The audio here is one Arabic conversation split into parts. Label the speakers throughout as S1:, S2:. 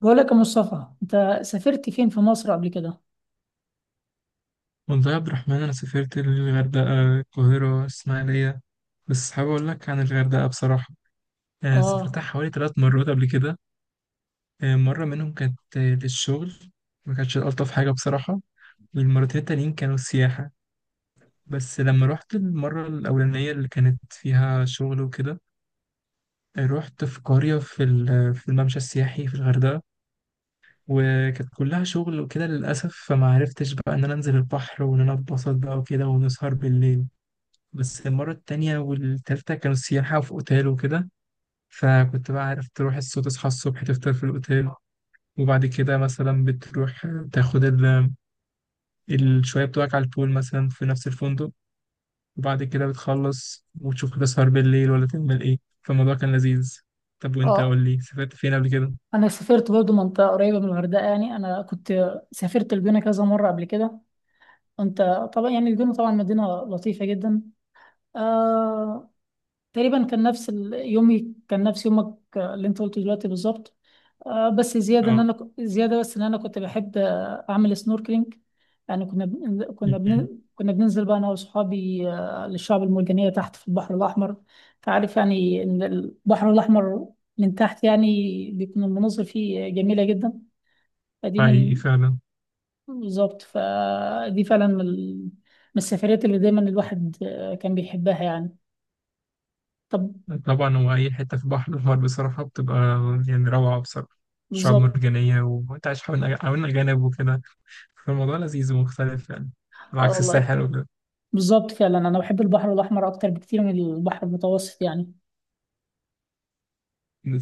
S1: بقول لك يا مصطفى، انت سافرت فين في مصر قبل كده؟
S2: والله يا عبد الرحمن، أنا سافرت للغردقة، القاهرة، الإسماعيلية. بس حابب أقول لك عن الغردقة بصراحة.
S1: اه
S2: سافرتها حوالي 3 مرات قبل كده. مرة منهم كانت للشغل. ما كانتش ألطف حاجة بصراحة. والمرتين التانيين كانوا سياحة. بس لما رحت المرة الأولانية اللي كانت فيها شغل وكده، رحت في قرية في الممشى السياحي في الغردقة. وكانت كلها شغل وكده للأسف، فما عرفتش بقى إن أنا أنزل البحر وإن أنا أتبسط بقى وكده ونسهر بالليل. بس المرة التانية والتالتة كانوا سياحة في أوتيل وكده. فكنت بقى عارف تروح الصبح، تصحى الصبح، تفطر في الأوتيل، وبعد كده مثلا بتروح تاخد الشوية بتوعك على البول مثلا في نفس الفندق. وبعد كده بتخلص وتشوف هتسهر بالليل ولا تعمل إيه. فالموضوع كان لذيذ. طب وأنت قول
S1: اه،
S2: لي، سافرت فين قبل كده؟
S1: انا سافرت برضو منطقه قريبه من الغردقه. يعني انا كنت سافرت الجونه كذا مره قبل كده. انت طبعا، يعني الجونه طبعا مدينه لطيفه جدا. آه تقريبا كان نفس يومي، كان نفس يومك، اللي انت قلته دلوقتي بالظبط. بس زياده ان
S2: اه.
S1: زياده بس ان انا كنت بحب، اعمل سنوركلينج. يعني
S2: م.
S1: كنا بننزل بقى انا واصحابي، للشعب المرجانيه تحت في البحر الاحمر. تعرف يعني ان البحر الاحمر من تحت يعني بيكون المناظر فيه جميله جدا. فدي
S2: حقيقي
S1: من
S2: فعلا.
S1: بالظبط، فدي فعلا من من السفريات اللي دايما الواحد، كان بيحبها يعني. طب.
S2: طبعا هو أي حتة في بحر الغرب بصراحة بتبقى يعني روعة بصراحة. شعاب
S1: بالظبط.
S2: مرجانية وأنت عايش حوالين حوالين أجانب وكده. فالموضوع لذيذ ومختلف يعني، على
S1: اه
S2: عكس
S1: والله،
S2: الساحل وكده.
S1: بالظبط فعلا. انا بحب البحر الاحمر اكتر بكتير من البحر المتوسط يعني.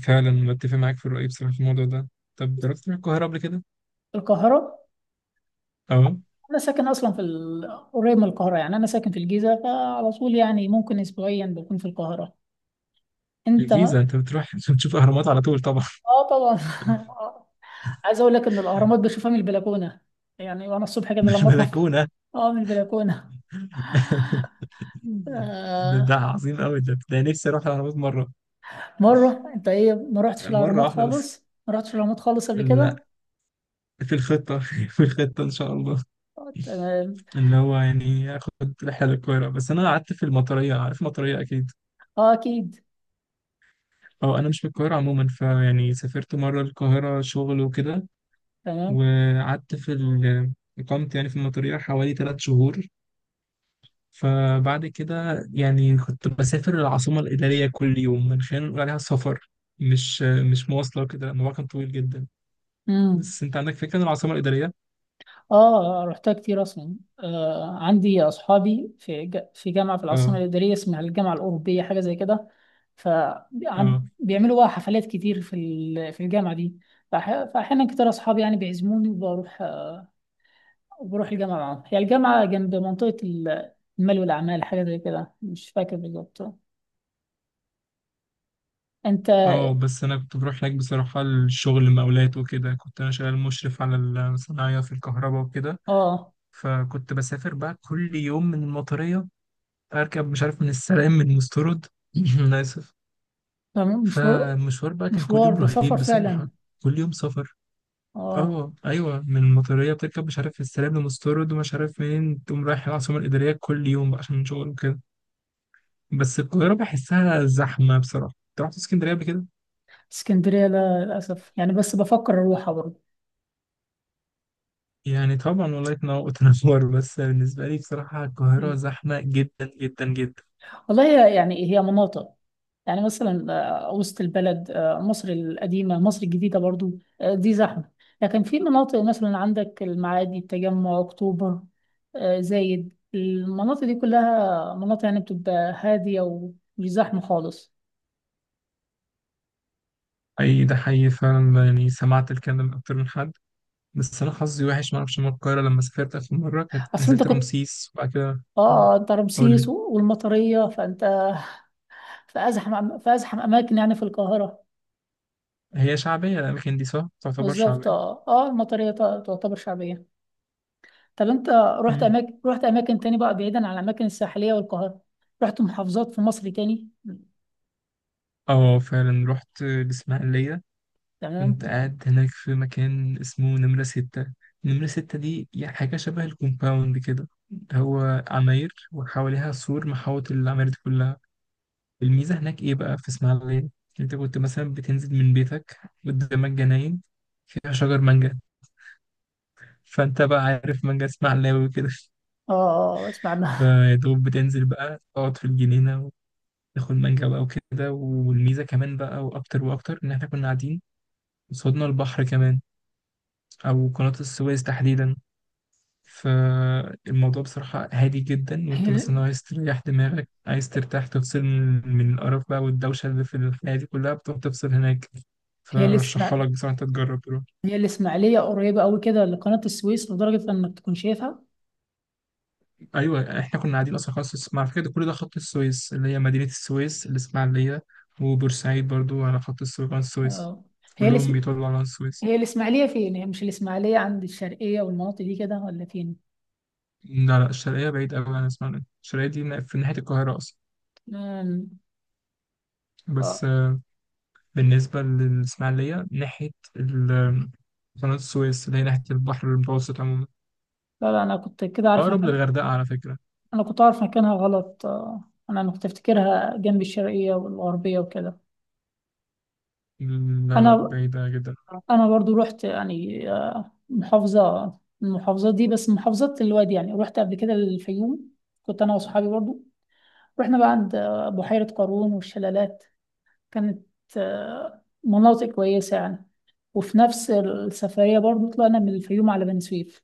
S2: فعلا متفق معاك في الرأي بصراحة في الموضوع ده. طب تروح القاهرة قبل كده؟
S1: القاهره؟
S2: اه.
S1: انا ساكن اصلا في قريب من القاهره. يعني انا ساكن في الجيزه، فعلى طول يعني ممكن اسبوعيا بكون في القاهره. انت؟
S2: الجيزة انت بتروح عشان تشوف اهرامات على طول طبعا.
S1: اه طبعا. عايز اقول لك ان الاهرامات بشوفها من البلكونه، يعني وانا الصبح كده
S2: مش
S1: لما اطلع.
S2: بلكونة.
S1: اه، من البلكونه.
S2: ده,
S1: آه،
S2: ده عظيم قوي. ده نفسي اروح الاهرامات مرة.
S1: مره. انت ايه، ما رحتش
S2: مرة
S1: الاهرامات
S2: واحدة بس.
S1: خالص؟ ما رحتش الاهرامات خالص قبل
S2: لا،
S1: كده؟
S2: في الخطة في الخطة ان شاء الله.
S1: تمام.
S2: اللي هو يعني اخد رحلة للقاهرة، بس انا قعدت في المطرية. عارف المطرية اكيد.
S1: اه اكيد.
S2: اه، انا مش من القاهره عموما، فيعني سافرت مره القاهره شغل وكده.
S1: تمام.
S2: وقعدت اقامت يعني في المطريه حوالي 3 شهور. فبعد كده يعني كنت بسافر العاصمه الاداريه كل يوم، من خلال نقول عليها سفر. مش مش مواصله وكده، لأن الموضوع كان طويل جدا.
S1: مم.
S2: بس انت عندك فكره عن العاصمه الاداريه؟
S1: اه رحتها كتير اصلا. آه عندي اصحابي في في جامعه في العاصمه
S2: اه،
S1: الاداريه اسمها الجامعه الاوروبيه، حاجه زي كده.
S2: اه،
S1: فبيعملوا بقى حفلات كتير في في الجامعه دي. فاحيانا كتير اصحابي يعني بيعزموني وبروح، وبروح الجامعه معاهم. هي الجامعه جنب منطقه المال والاعمال، حاجه زي كده، مش فاكر بالظبط. انت؟
S2: اه. بس انا كنت بروح هناك بصراحه، الشغل مقاولات وكده. كنت انا شغال مشرف على الصناعيه في الكهرباء وكده.
S1: اه.
S2: فكنت بسافر بقى كل يوم من المطرية، اركب مش عارف من السلام من مسترد. انا اسف.
S1: مشوار.
S2: فالمشوار بقى كان كل
S1: مشوار
S2: يوم
S1: ده سفر
S2: رهيب بصراحه.
S1: فعلا.
S2: كل يوم سفر.
S1: اه.
S2: اه، ايوه. من المطريه بتركب مش عارف السلام لمسترد ومش عارف منين، تقوم رايح العاصمه الاداريه كل يوم بقى عشان شغل وكده. بس القاهره بحسها زحمه بصراحه. انت رحت اسكندريه قبل كده؟
S1: اسكندريه لا للاسف، يعني بس بفكر اروحها برضه.
S2: يعني طبعا، والله تنور تنور. بس بالنسبه لي بصراحه القاهره زحمه جدا جدا جدا.
S1: والله، يعني هي مناطق. يعني مثلا، وسط البلد، مصر القديمة، مصر الجديدة برضو، دي زحمة. لكن في مناطق مثلا، عندك المعادي، التجمع، أكتوبر، زايد، المناطق دي كلها مناطق يعني بتبقى هادية ومش زحمة خالص.
S2: اي، ده حقيقي فعلا، يعني سمعت الكلام ده من اكتر من حد. بس انا حظي وحش، ما اعرفش من القاهره، لما سافرت اخر مره كانت
S1: أصل أنت
S2: نزلت
S1: كنت،
S2: رمسيس وبعد كده آه،
S1: أنت
S2: قول لي،
S1: رمسيس والمطرية، فأنت في أزحم أماكن يعني في القاهرة.
S2: هي شعبيه الاماكن دي؟ صح، تعتبر
S1: بالظبط.
S2: شعبيه.
S1: المطرية تعتبر شعبية. طب انت
S2: مم.
S1: رحت اماكن تاني بقى، بعيدا عن الاماكن الساحليه والقاهره؟ رحت محافظات في مصر تاني؟
S2: اه، فعلا رحت الاسماعيليه.
S1: تمام.
S2: كنت قاعد هناك في مكان اسمه نمره ستة. نمره ستة دي يعني حاجه شبه الكومباوند كده. هو عماير وحواليها سور محاوط العماير دي كلها. الميزه هناك ايه بقى في اسماعيليه؟ انت كنت مثلا بتنزل من بيتك، قدامك جناين فيها شجر مانجا، فانت بقى عارف مانجا اسمها علاوي وكده.
S1: اه اسمع عنها.
S2: فيا دوب بتنزل بقى تقعد في الجنينة، وتاخد مانجا بقى وكده. والميزة كمان بقى وأكتر وأكتر إن إحنا كنا قاعدين قصادنا البحر كمان، أو قناة السويس تحديدا. فالموضوع بصراحة هادي جدا، وأنت
S1: هي
S2: مثلا عايز تريح دماغك، عايز ترتاح، تفصل من القرف بقى والدوشة اللي في الحياة دي كلها، بتروح تفصل هناك.
S1: هي
S2: فرشحها
S1: الاسماع
S2: لك بصراحة، أنت تجرب.
S1: هي الاسماعيليه قريبه قوي كده لقناه السويس، لدرجه انك تكون شايفها؟
S2: ايوه، احنا كنا قاعدين اصلا خلاص مع فكره، كل ده خط السويس اللي هي مدينه السويس، الاسماعيليه، وبورسعيد برضو على خط السويس، قناه السويس.
S1: اه. هي
S2: كلهم
S1: الاسم
S2: بيطلعوا على قناه السويس.
S1: هي الاسماعيليه فين؟ هي مش الاسماعيليه عند الشرقيه والمناطق دي كده، ولا فين؟
S2: لا، لا، الشرقيه بعيد قوي عن الاسماعيليه. الشرقيه دي في ناحيه القاهره اصلا.
S1: امم، اه،
S2: بس بالنسبه للاسماعيليه، ناحيه ال- قناه السويس، اللي هي ناحيه البحر المتوسط عموما.
S1: لا لا، انا كنت كده عارف
S2: اقرب
S1: مكانها.
S2: للغردقه على فكره.
S1: انا كنت عارف مكانها غلط. اه انا، كنت افتكرها جنب الشرقيه والغربيه وكده.
S2: لا، لا،
S1: انا
S2: بعيده جدا.
S1: انا برضو رحت، يعني، محافظه من المحافظات دي، بس محافظات الوادي. يعني رحت قبل كده الفيوم، كنت انا وصحابي برضو. رحنا بقى عند، بحيره قارون والشلالات. كانت، مناطق كويسه يعني. وفي نفس السفريه برضو طلعنا من الفيوم على بني سويف.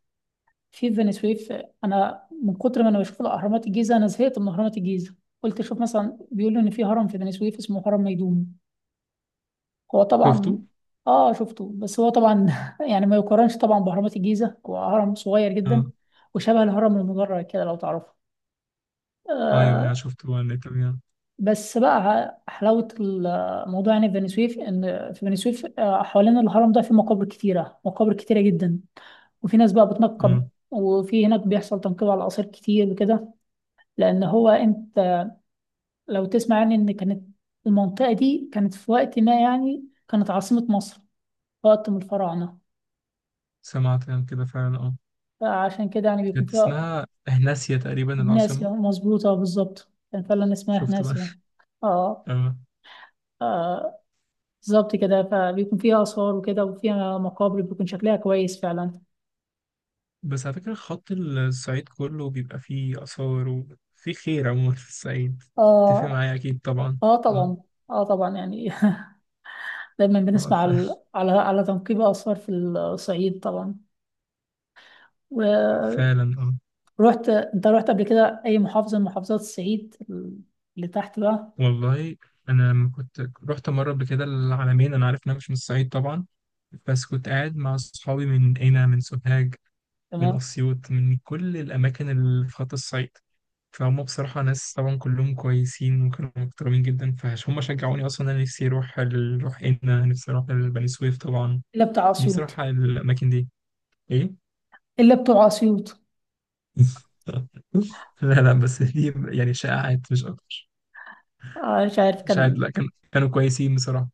S1: في بني سويف، انا من كتر ما انا بشوف الاهرامات الجيزه، انا زهقت من اهرامات الجيزه. قلت اشوف مثلا، بيقولوا ان في هرم في بني سويف اسمه هرم ميدوم. هو
S2: شفته؟
S1: طبعا. اه شفته. بس هو طبعا يعني ما يقارنش طبعا بأهرامات الجيزة، هو هرم صغير جدا.
S2: اه،
S1: وشبه الهرم المدرج كده لو تعرفه.
S2: ايوه، ايوه،
S1: آه.
S2: شفته على النت.
S1: بس بقى حلاوة الموضوع يعني في بني سويف، إن في بني سويف آه حوالين الهرم ده في مقابر كتيرة، مقابر كتيرة جدا. وفي ناس بقى
S2: اه،
S1: بتنقب، وفي هناك بيحصل تنقيب على الآثار كتير وكده. لأن هو، أنت لو تسمع يعني، إن كانت المنطقة دي كانت في وقت ما يعني كانت عاصمة مصر، في وقت من الفراعنة.
S2: سمعت عن كده فعلا. اه،
S1: فعشان كده يعني بيكون
S2: كانت
S1: فيها.
S2: اسمها هناسيا تقريبا العاصمة.
S1: ناسية. مظبوطة بالظبط، كان فعلا اسمها
S2: شفت بقى؟
S1: ناسية. اه.
S2: اه.
S1: آه، بالظبط كده. فبيكون فيها آثار وكده، وفيها مقابر بيكون شكلها كويس فعلا.
S2: بس على فكرة خط الصعيد كله بيبقى فيه آثار وفيه خير عموما في الصعيد. تتفق
S1: اه.
S2: معايا أكيد طبعا.
S1: اه
S2: اه،
S1: طبعا. اه طبعا يعني. دايما
S2: اه،
S1: بنسمع على على تنقيب آثار في الصعيد طبعا. ورحت.
S2: فعلا. اه،
S1: انت رحت قبل كده أي محافظة من محافظات الصعيد اللي تحت بقى؟
S2: والله أنا لما كنت رحت مرة قبل كده العلمين، أنا عارف إن أنا مش من الصعيد طبعا. بس كنت قاعد مع أصحابي من هنا، من سوهاج، من
S1: تمام.
S2: أسيوط، من كل الأماكن اللي في خط الصعيد. فهم بصراحة ناس طبعا كلهم كويسين وكانوا محترمين جدا. فهم شجعوني أصلا أنا. نفسي أروح أروح هنا. نفسي أروح البني سويف طبعا.
S1: إلا بتاع
S2: نفسي أروح
S1: أسيوط.
S2: على الأماكن دي. إيه؟
S1: إلا بتوع أسيوط.
S2: لا، لا، بس دي يعني شائعات مش أكتر.
S1: آه مش عارف
S2: شائعات،
S1: كان.
S2: لا، كانوا كويسين بصراحة.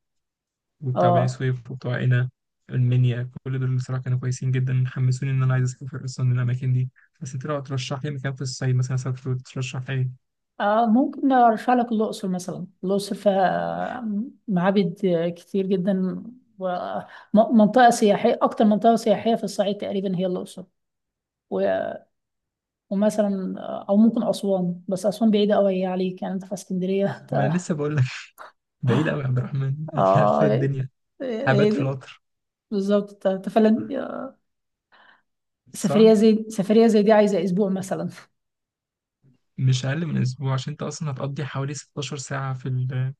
S2: وبتاع بني
S1: اه.
S2: سويف وبتوع هنا المنيا، كل دول بصراحة كانوا كويسين جدا. حمسوني إن أنا عايز أسافر أصلا الأماكن دي. بس أنت لو ترشح لي مكان في الصعيد مثلا أسافر، وترشح لي.
S1: آه ممكن أرشح لك الأقصر مثلا. الأقصر فيها، آه، معابد كتير جدا. ومنطقة سياحية، أكتر منطقة سياحية في الصعيد تقريبا هي الأقصر. و- ومثلا، أو ممكن أسوان، بس أسوان بعيدة أوي هي عليك يعني. أنت في اسكندرية.
S2: ما انا لسه بقول لك. بعيد قوي يا عبد الرحمن. مش عارف
S1: آه
S2: إيه
S1: إيه-
S2: الدنيا، هبات في
S1: إيه.
S2: القطر.
S1: بالظبط. أنت أنت فعلا،
S2: صح،
S1: سفرية زي دي عايزة أسبوع مثلا.
S2: مش اقل من اسبوع. عشان انت اصلا هتقضي حوالي 16 ساعه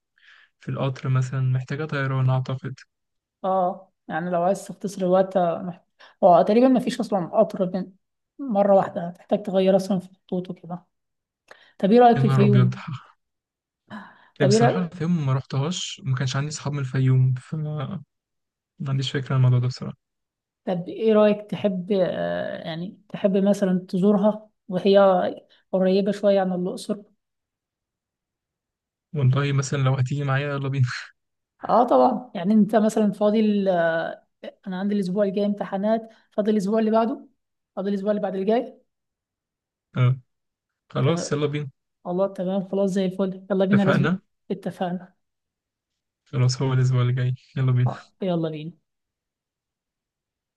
S2: في القطر مثلا، محتاجه طيران اعتقد.
S1: أه يعني لو عايز تختصر الوقت، هو تقريبا مفيش أصلا مرة واحدة، هتحتاج تغير أصلا في الخطوط وكده. طب ايه رأيك
S2: يا
S1: في
S2: نهار ابيض.
S1: الفيوم؟ طب ايه رأيك
S2: بصراحه الفيوم ما رحتهاش، وما كانش عندي اصحاب من الفيوم، فما عنديش فكره عن الموضوع ده بصراحه.
S1: طب ايه رأيك، تحب، يعني تحب مثلا تزورها؟ وهي قريبة شوية عن الأقصر.
S2: والله مثلا لو هتيجي معايا يلا بينا.
S1: اه طبعا يعني. انت مثلا فاضل، انا عندي الاسبوع الجاي امتحانات، فاضل الاسبوع اللي بعده، فاضل الاسبوع اللي بعد الجاي.
S2: آه، خلاص،
S1: تمام.
S2: يلا بينا.
S1: الله، تمام، خلاص زي الفل، يلا بينا الاسبوع.
S2: اتفقنا.
S1: اتفقنا.
S2: خلاص، هو الاسبوع اللي جاي يلا بينا.
S1: يلا بينا.